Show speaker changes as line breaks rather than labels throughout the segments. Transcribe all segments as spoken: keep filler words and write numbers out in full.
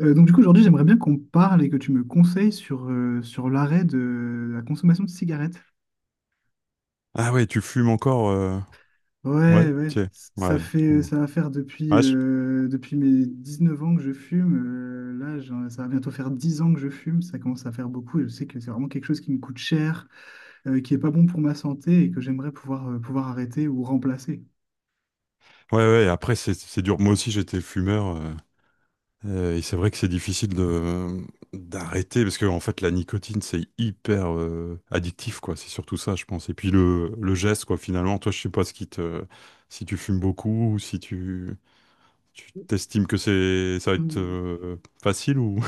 Euh, donc du coup, aujourd'hui, j'aimerais bien qu'on parle et que tu me conseilles sur, euh, sur l'arrêt de la consommation de cigarettes.
Ah ouais, tu fumes encore? euh, Ouais,
Ouais, ouais,
tiens.
ça
Ouais.
fait,
Bon.
ça va faire depuis,
Ouais, je-
euh, depuis mes dix-neuf ans que je fume. Euh, là, j'en- ça va bientôt faire dix ans que je fume. Ça commence à faire beaucoup et je sais que c'est vraiment quelque chose qui me coûte cher, euh, qui est pas bon pour ma santé et que j'aimerais pouvoir, euh, pouvoir arrêter ou remplacer.
ouais, ouais, après, c'est c'est dur. Moi aussi, j'étais fumeur. euh, euh, et c'est vrai que c'est difficile de d'arrêter parce que en fait la nicotine c'est hyper euh, addictif quoi, c'est surtout ça je pense, et puis le, le geste quoi, finalement toi je sais pas ce qui te, si tu fumes beaucoup ou si tu tu t'estimes que c'est, ça va être
Hmm.
euh, facile ou...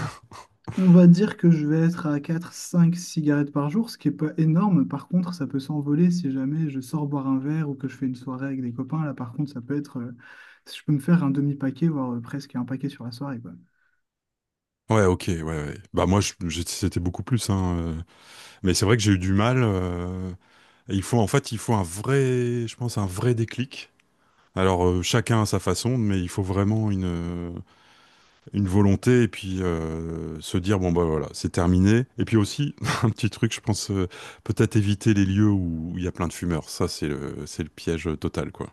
On va dire que je vais être à quatre cinq cigarettes par jour, ce qui est pas énorme. Par contre, ça peut s'envoler si jamais je sors boire un verre ou que je fais une soirée avec des copains. Là, par contre, ça peut être, euh, je peux me faire un demi-paquet, voire euh, presque un paquet sur la soirée, quoi.
ouais, ok, ouais, ouais. Bah moi je- je- c'était beaucoup plus hein euh, mais c'est vrai que j'ai eu du mal. Euh, il faut, en fait, il faut un vrai, je pense, un vrai déclic. Alors euh, chacun à sa façon, mais il faut vraiment une euh, une volonté et puis euh, se dire bon bah voilà, c'est terminé. Et puis aussi un petit truc, je pense euh, peut-être éviter les lieux où il y a plein de fumeurs. Ça c'est le c'est le piège total quoi.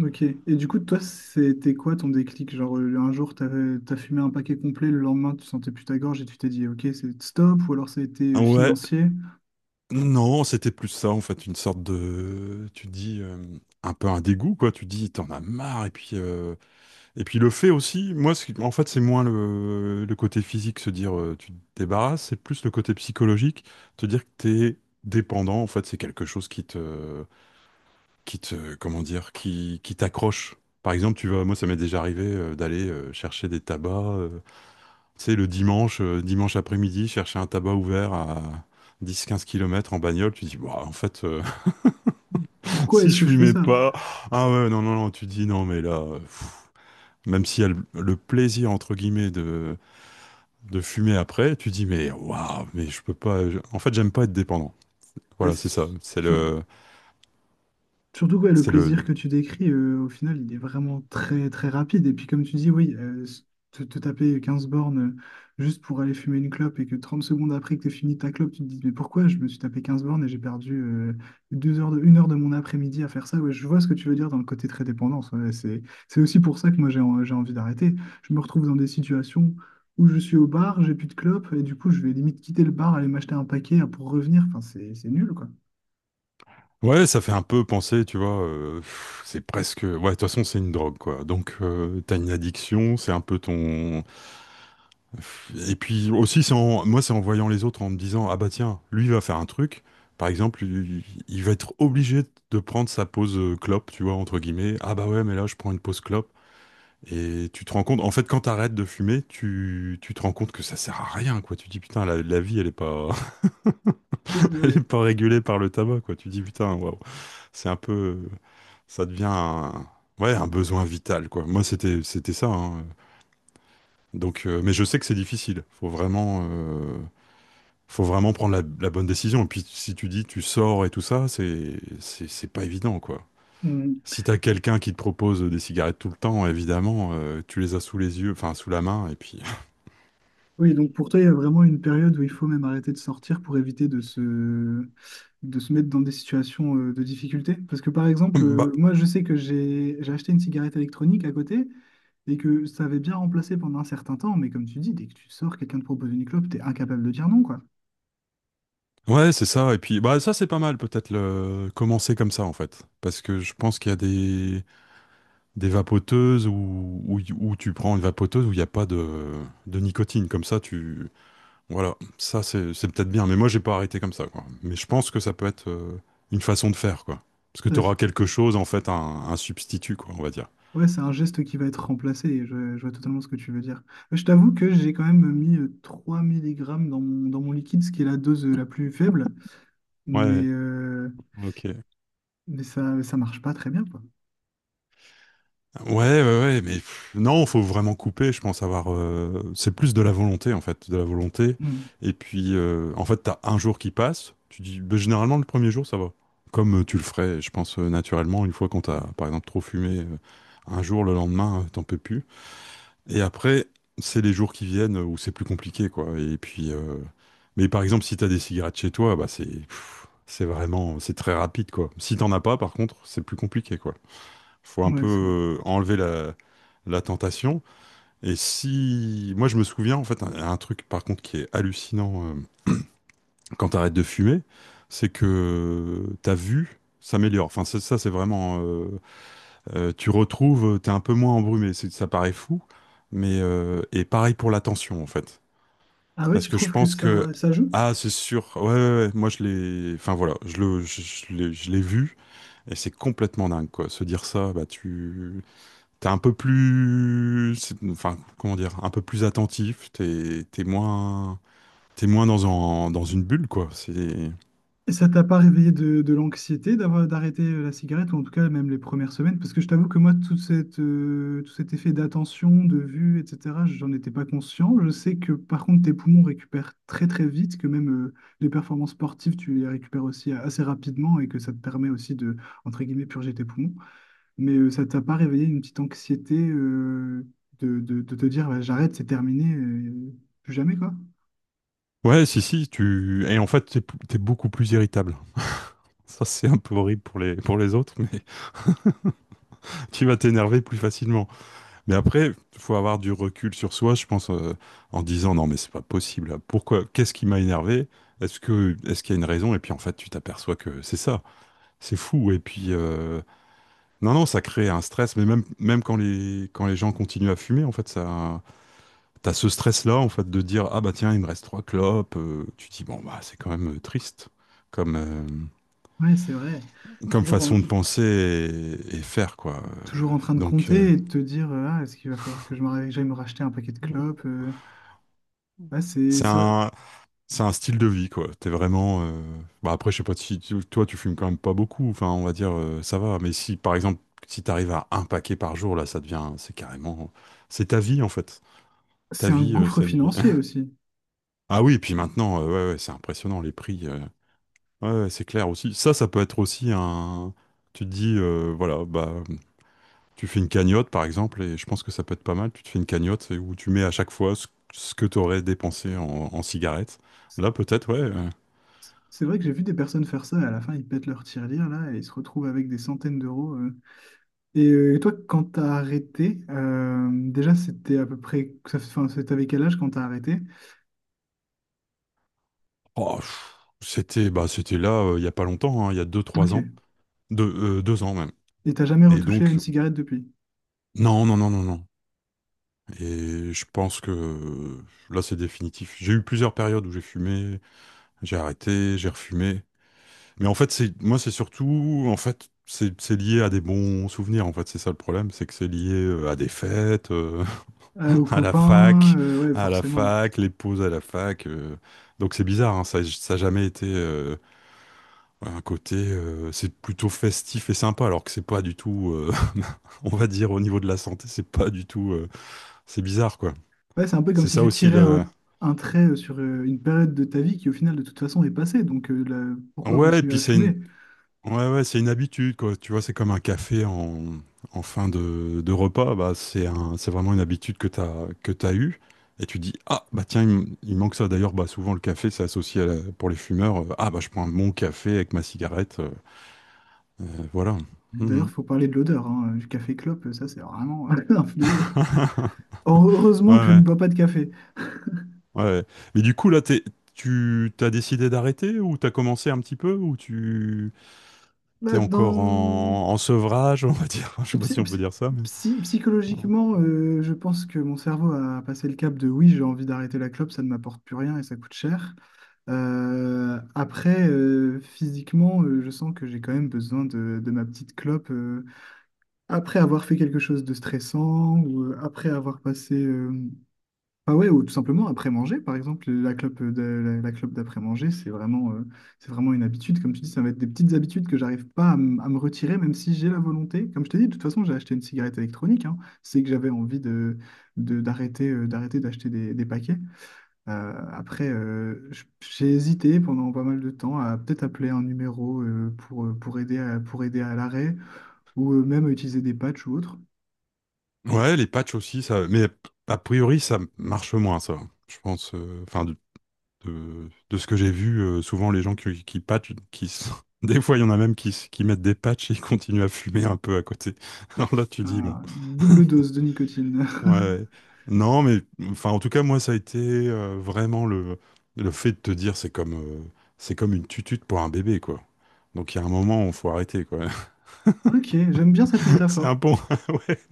Ok. Et du coup, toi, c'était quoi ton déclic? Genre, euh, un jour, t'avais, t'as fumé un paquet complet, le lendemain, tu sentais plus ta gorge et tu t'es dit, ok, c'est stop, ou alors ça a été
Ah
euh,
ouais,
financier.
non, c'était plus ça en fait, une sorte de, tu dis euh, un peu un dégoût quoi. Tu dis t'en as marre et puis euh, et puis le fait aussi, moi, c'est- en fait, c'est moins le, le côté physique, se dire euh, tu te débarrasses, c'est plus le côté psychologique, te dire que t'es dépendant, en fait, c'est quelque chose qui te, qui te, comment dire, qui, qui t'accroche. Par exemple, tu vas, moi, ça m'est déjà arrivé euh, d'aller euh, chercher des tabacs, euh, tu sais, le dimanche, euh, dimanche après-midi, chercher un tabac ouvert à dix quinze kilomètres en bagnole. Tu dis, ouah, en fait, euh,
Pourquoi
si
est-ce
je
que je fais
fumais
ça?
pas, ah ouais, non, non, non, tu dis, non, mais là, euh, pff. Même s'il y a le le plaisir, entre guillemets, de de fumer après, tu dis mais waouh, mais je peux pas. je- En fait, j'aime pas être dépendant.
Bah,
Voilà, c'est ça.
s-
C'est
sur-
le,
surtout ouais, le
c'est le.
plaisir que tu décris, euh, au final, il est vraiment très très rapide. Et puis comme tu dis, oui, euh, s- te, te taper quinze bornes euh, juste pour aller fumer une clope et que trente secondes après que tu fini ta clope, tu te dis, mais pourquoi je me suis tapé quinze bornes et j'ai perdu euh, deux heures de, une heure de mon après-midi à faire ça? Ouais, je vois ce que tu veux dire dans le côté très dépendance. Ouais, c'est, c'est aussi pour ça que moi j'ai en- j'ai envie d'arrêter. Je me retrouve dans des situations où je suis au bar, j'ai plus de clope, et du coup je vais limite quitter le bar, aller m'acheter un paquet pour revenir. Enfin, c'est c'est nul, quoi.
Ouais, ça fait un peu penser, tu vois. Euh, pff, c'est presque. Ouais, de toute façon, c'est une drogue, quoi. Donc, euh, t'as une addiction, c'est un peu ton. Et puis aussi, c'est en... moi, c'est en voyant les autres en me disant ah bah tiens, lui il va faire un truc. Par exemple, il il va être obligé de prendre sa pause euh, clope, tu vois, entre guillemets. Ah bah ouais, mais là, je prends une pause clope. Et tu te rends compte, en fait, quand t'arrêtes de fumer, tu, tu te rends compte que ça sert à rien, quoi. Tu dis, putain, la, la vie, elle est pas, elle est
Ouais.
pas régulée par le tabac, quoi. Tu dis, putain, waouh, c'est un peu, ça devient un, ouais, un besoin vital, quoi. Moi, c'était, c'était ça, hein. Donc, euh, mais je sais que c'est difficile. Faut vraiment, euh, faut vraiment prendre la, la bonne décision. Et puis, si tu dis, tu sors et tout ça, c'est, c'est, c'est pas évident, quoi.
Mm.
Si t'as quelqu'un qui te propose des cigarettes tout le temps, évidemment, euh, tu les as sous les yeux, enfin, sous la main, et puis.
Oui, donc pour toi, il y a vraiment une période où il faut même arrêter de sortir pour éviter de se, de se mettre dans des situations euh, de difficulté. Parce que par exemple, euh,
Bah,
moi, je sais que j'ai j'ai acheté une cigarette électronique à côté et que ça avait bien remplacé pendant un certain temps. Mais comme tu dis, dès que tu sors, quelqu'un te propose une clope, t'es incapable de dire non, quoi.
ouais, c'est ça. Et puis, bah, ça, c'est pas mal, peut-être, le... commencer comme ça, en fait. Parce que je pense qu'il y a des, des vapoteuses où... Où... y- où tu prends une vapoteuse où il n'y a pas de... de nicotine. Comme ça, tu. Voilà. Ça, c'est c'est peut-être bien. Mais moi, j'ai pas arrêté comme ça, quoi. Mais je pense que ça peut être euh, une façon de faire, quoi. Parce que tu
Ouais, c'est
auras quelque chose, en fait, un... un substitut, quoi, on va dire.
ouais, c'est un geste qui va être remplacé. Je, je vois totalement ce que tu veux dire. Je t'avoue que j'ai quand même mis euh, trois milligrammes dans mon, dans mon liquide, ce qui est la dose euh, la plus faible.
Ouais,
Mais, euh,
ok.
mais ça, ça marche pas très bien, quoi.
Ouais, ouais, ouais, mais pff, non, faut vraiment couper, je pense avoir... euh, c'est plus de la volonté, en fait, de la volonté.
Mmh.
Et puis, euh, en fait, t'as un jour qui passe, tu dis, bah, généralement, le premier jour, ça va. Comme euh, tu le ferais, je pense, euh, naturellement, une fois qu'on t'a, par exemple, trop fumé, euh, un jour, le lendemain, euh, t'en peux plus. Et après, c'est les jours qui viennent où c'est plus compliqué, quoi. Et puis... euh, mais par exemple, si t'as des cigarettes chez toi, bah, c'est... pff, c'est vraiment... C'est très rapide, quoi. Si t'en as pas, par contre, c'est plus compliqué, quoi. Faut un peu
Ouais, c'est vrai.
euh, enlever la, la tentation. Et si, moi je me souviens en fait un, un truc par contre qui est hallucinant euh, quand t'arrêtes de fumer, c'est que ta vue s'améliore. Enfin c'est- ça c'est vraiment, euh, euh, tu retrouves, t'es un peu moins embrumé. C'est- Ça paraît fou, mais euh, et pareil pour l'attention, en fait,
Ah ouais,
parce
tu
que je
trouves que
pense que,
ça, ça joue?
ah c'est sûr, ouais, ouais, ouais, moi je l'ai, enfin voilà, je le, je, je l'ai je l'ai vu. Et c'est complètement dingue, quoi. Se dire ça, bah tu, t'es un peu plus, c'est- enfin, comment dire, un peu plus attentif, t'es, t'es moins, t'es moins dans un- dans une bulle, quoi. C'est,
Et ça t'a pas réveillé de, de l'anxiété d'avoir d'arrêter euh, la cigarette, ou en tout cas même les premières semaines? Parce que je t'avoue que moi, toute cette, euh, tout cet effet d'attention, de vue, et cetera, j'en étais pas conscient. Je sais que par contre, tes poumons récupèrent très très vite, que même euh, les performances sportives, tu les récupères aussi euh, assez rapidement et que ça te permet aussi de, entre guillemets, purger tes poumons. Mais euh, ça t'a pas réveillé une petite anxiété euh, de, de, de te dire, bah, j'arrête, c'est terminé, euh, plus jamais, quoi.
ouais, si, si, tu, et en fait, t'es, p- t'es beaucoup plus irritable. Ça, c'est un peu horrible pour les, pour les autres, mais tu vas t'énerver plus facilement. Mais après, faut avoir du recul sur soi, je pense, euh, en disant, non, mais c'est pas possible. Pourquoi, qu'est-ce qui m'a énervé? Est-ce que, est-ce qu'il y a une raison? Et puis, en fait, tu t'aperçois que c'est ça. C'est fou. Et puis, euh, non, non, ça crée un stress, mais même, même quand les, quand les gens continuent à fumer, en fait, ça, t'as ce stress-là, en fait, de dire, ah bah tiens, il me reste trois clopes, euh, tu te dis, bon, bah, c'est quand même euh, triste comme, euh,
Ouais, c'est vrai.
comme
Toujours en,
façon de penser et, et faire, quoi. Euh,
Toujours en train de
Donc, euh,
compter et de te dire, euh, ah, est-ce qu'il va falloir que je me, j'aille me racheter un paquet de clopes? euh. Ouais, c'est,
c'est
c'est,
un, c'est un style de vie, quoi. T'es vraiment, euh, bah après, je sais pas si, tu- toi, tu fumes quand même pas beaucoup, enfin, on va dire, euh, ça va, mais si, par exemple, si t'arrives à un paquet par jour, là, ça devient, c'est carrément, c'est ta vie, en fait. Ta
c'est un
vie, euh,
gouffre
c'est une...
financier aussi.
Ah oui, puis maintenant, euh, ouais, ouais, c'est impressionnant les prix. euh. Ouais, ouais, c'est clair aussi. Ça, ça peut être aussi un. Tu te dis, euh, voilà, bah, tu fais une cagnotte par exemple, et je pense que ça peut être pas mal. Tu te fais une cagnotte, c'est où tu mets à chaque fois ce, ce que tu aurais dépensé en, en cigarettes.
C'est
Là, peut-être, ouais. euh.
c'est vrai que j'ai vu des personnes faire ça et à la fin, ils pètent leur tirelire là et ils se retrouvent avec des centaines d'euros. euh. Et, euh, toi, quand t'as arrêté, euh, déjà, c'était à peu près, ça, enfin, c'était avec quel âge quand t'as arrêté?
Oh, pff, c'était, bah, c'était là euh, il y a pas longtemps, hein, il y a deux trois ans.
Ok.
Deux, euh, deux ans même.
Et t'as jamais
Et
retouché à
donc,
une cigarette depuis?
non, non, non, non, non. Et je pense que euh, là, c'est définitif. J'ai eu plusieurs périodes où j'ai fumé, j'ai arrêté, j'ai refumé. Mais en fait, c'est moi, c'est surtout, en fait, c'est c'est lié à des bons souvenirs. En fait, c'est ça le problème, c'est que c'est lié euh, à des fêtes, euh,
Euh, aux
à la
copains,
fac,
euh, ouais,
à la
forcément.
fac, les pauses à la fac. euh. Donc c'est bizarre, hein, ça, ça a jamais été euh, un côté. Euh, c'est plutôt festif et sympa, alors que c'est pas du tout. Euh, on va dire au niveau de la santé, c'est pas du tout. Euh, c'est bizarre, quoi.
Ouais, c'est un peu comme
C'est
si
ça
tu
aussi
tirais
le.
un, un trait euh, sur euh, une période de ta vie qui, au final, de toute façon, est passée. Donc, euh, la- pourquoi
Ouais, et
continuer
puis
à
c'est une...
fumer?
Ouais, ouais, c'est une habitude, quoi. Tu vois, c'est comme un café en, en fin de, de repas. Bah, c'est un, c'est vraiment une habitude que tu as, que tu eue. Et tu dis, ah, bah tiens, il, m- il manque ça. D'ailleurs, bah, souvent, le café, c'est associé à la... pour les fumeurs. Euh, ah, bah, je prends mon café avec ma cigarette. euh, euh, voilà.
D'ailleurs,
Mhm.
il faut parler de l'odeur, hein, du café clope, euh, ça, c'est vraiment un fléau. Or-
Ouais,
Heureusement que je
ouais,
ne bois pas de café.
ouais. Ouais. Mais du coup, là, t'es- tu t'as décidé d'arrêter ou t'as commencé un petit peu ou tu t'es
Là,
encore
dans...
en, en sevrage, on va dire. Je sais pas
psy-
si on peut
psy-
dire ça, mais.
psy- Psychologiquement, euh, je pense que mon cerveau a passé le cap de oui, j'ai envie d'arrêter la clope, ça ne m'apporte plus rien et ça coûte cher. Euh, après, euh, physiquement, euh, je sens que j'ai quand même besoin de, de ma petite clope. euh, Après avoir fait quelque chose de stressant, ou euh, après avoir passé... euh, Ah ouais, ou tout simplement après manger, par exemple, la clope de- la, la clope d'après-manger, c'est vraiment, euh, c'est vraiment une habitude. Comme tu dis, ça va être des petites habitudes que j'arrive pas à, m- à me retirer, même si j'ai la volonté. Comme je t'ai dit, de toute façon, j'ai acheté une cigarette électronique, hein. C'est que j'avais envie de, de- d'arrêter, euh, d'arrêter d'acheter des, des paquets. Euh, après, euh, j- j'ai hésité pendant pas mal de temps à peut-être appeler un numéro euh, pour, pour aider à- pour aider à l'arrêt, ou euh, même utiliser des patchs ou autre.
Ouais, les patchs aussi, ça. Mais a priori, ça marche moins, ça. Je pense. euh, Enfin, de, de, de ce que j'ai vu, euh, souvent les gens qui, qui patchent, qui s- des fois, il y en a même qui, s- qui mettent des patchs et ils continuent à fumer un peu à côté. Alors là, tu dis, bon.
Ah, double dose de nicotine.
Ouais. Ouais. Non, mais enfin, en tout cas, moi, ça a été euh, vraiment le, le fait de te dire, c'est comme, euh, c'est comme une tutute pour un bébé, quoi. Donc, il y a un moment où il faut arrêter, quoi.
Ok, j'aime bien cette
C'est un
métaphore.
bon.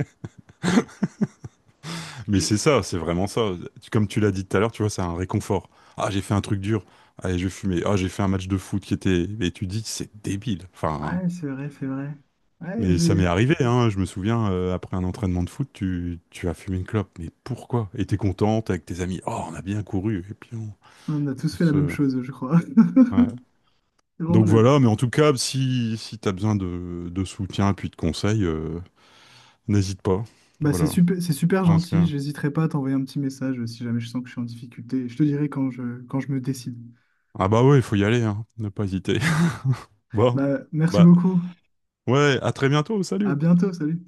Mais
J'ai-
c'est ça, c'est vraiment ça. Comme tu l'as dit tout à l'heure, tu vois, c'est un réconfort. Ah, j'ai fait un truc dur. Allez, je vais fumer. Ah, j'ai fait un match de foot qui était. Et tu dis, c'est débile. Enfin,
Ouais, c'est vrai, c'est vrai. Ouais,
mais ça m'est
c'est-
arrivé, hein. Je me souviens, euh, après un entraînement de foot, tu, tu as fumé une clope. Mais pourquoi? Et t'es contente avec tes amis. Oh, on a bien couru. Et puis, on,
On a tous
on
fait la même
se.
chose, je crois.
Ouais.
C'est vraiment
Donc
la-
voilà, mais en tout cas, si, si t'as besoin de, de soutien et puis de conseils, euh, n'hésite pas.
Bah, c'est
Voilà.
super, c'est super
Parce
gentil.
que...
J'hésiterai pas à t'envoyer un petit message si jamais je sens que je suis en difficulté. Je te dirai quand je, quand je me décide.
Ah bah ouais, il faut y aller, hein. Ne pas hésiter. Bon.
Bah, merci
Bah.
beaucoup.
Ouais, à très bientôt,
À
salut!
bientôt. Salut.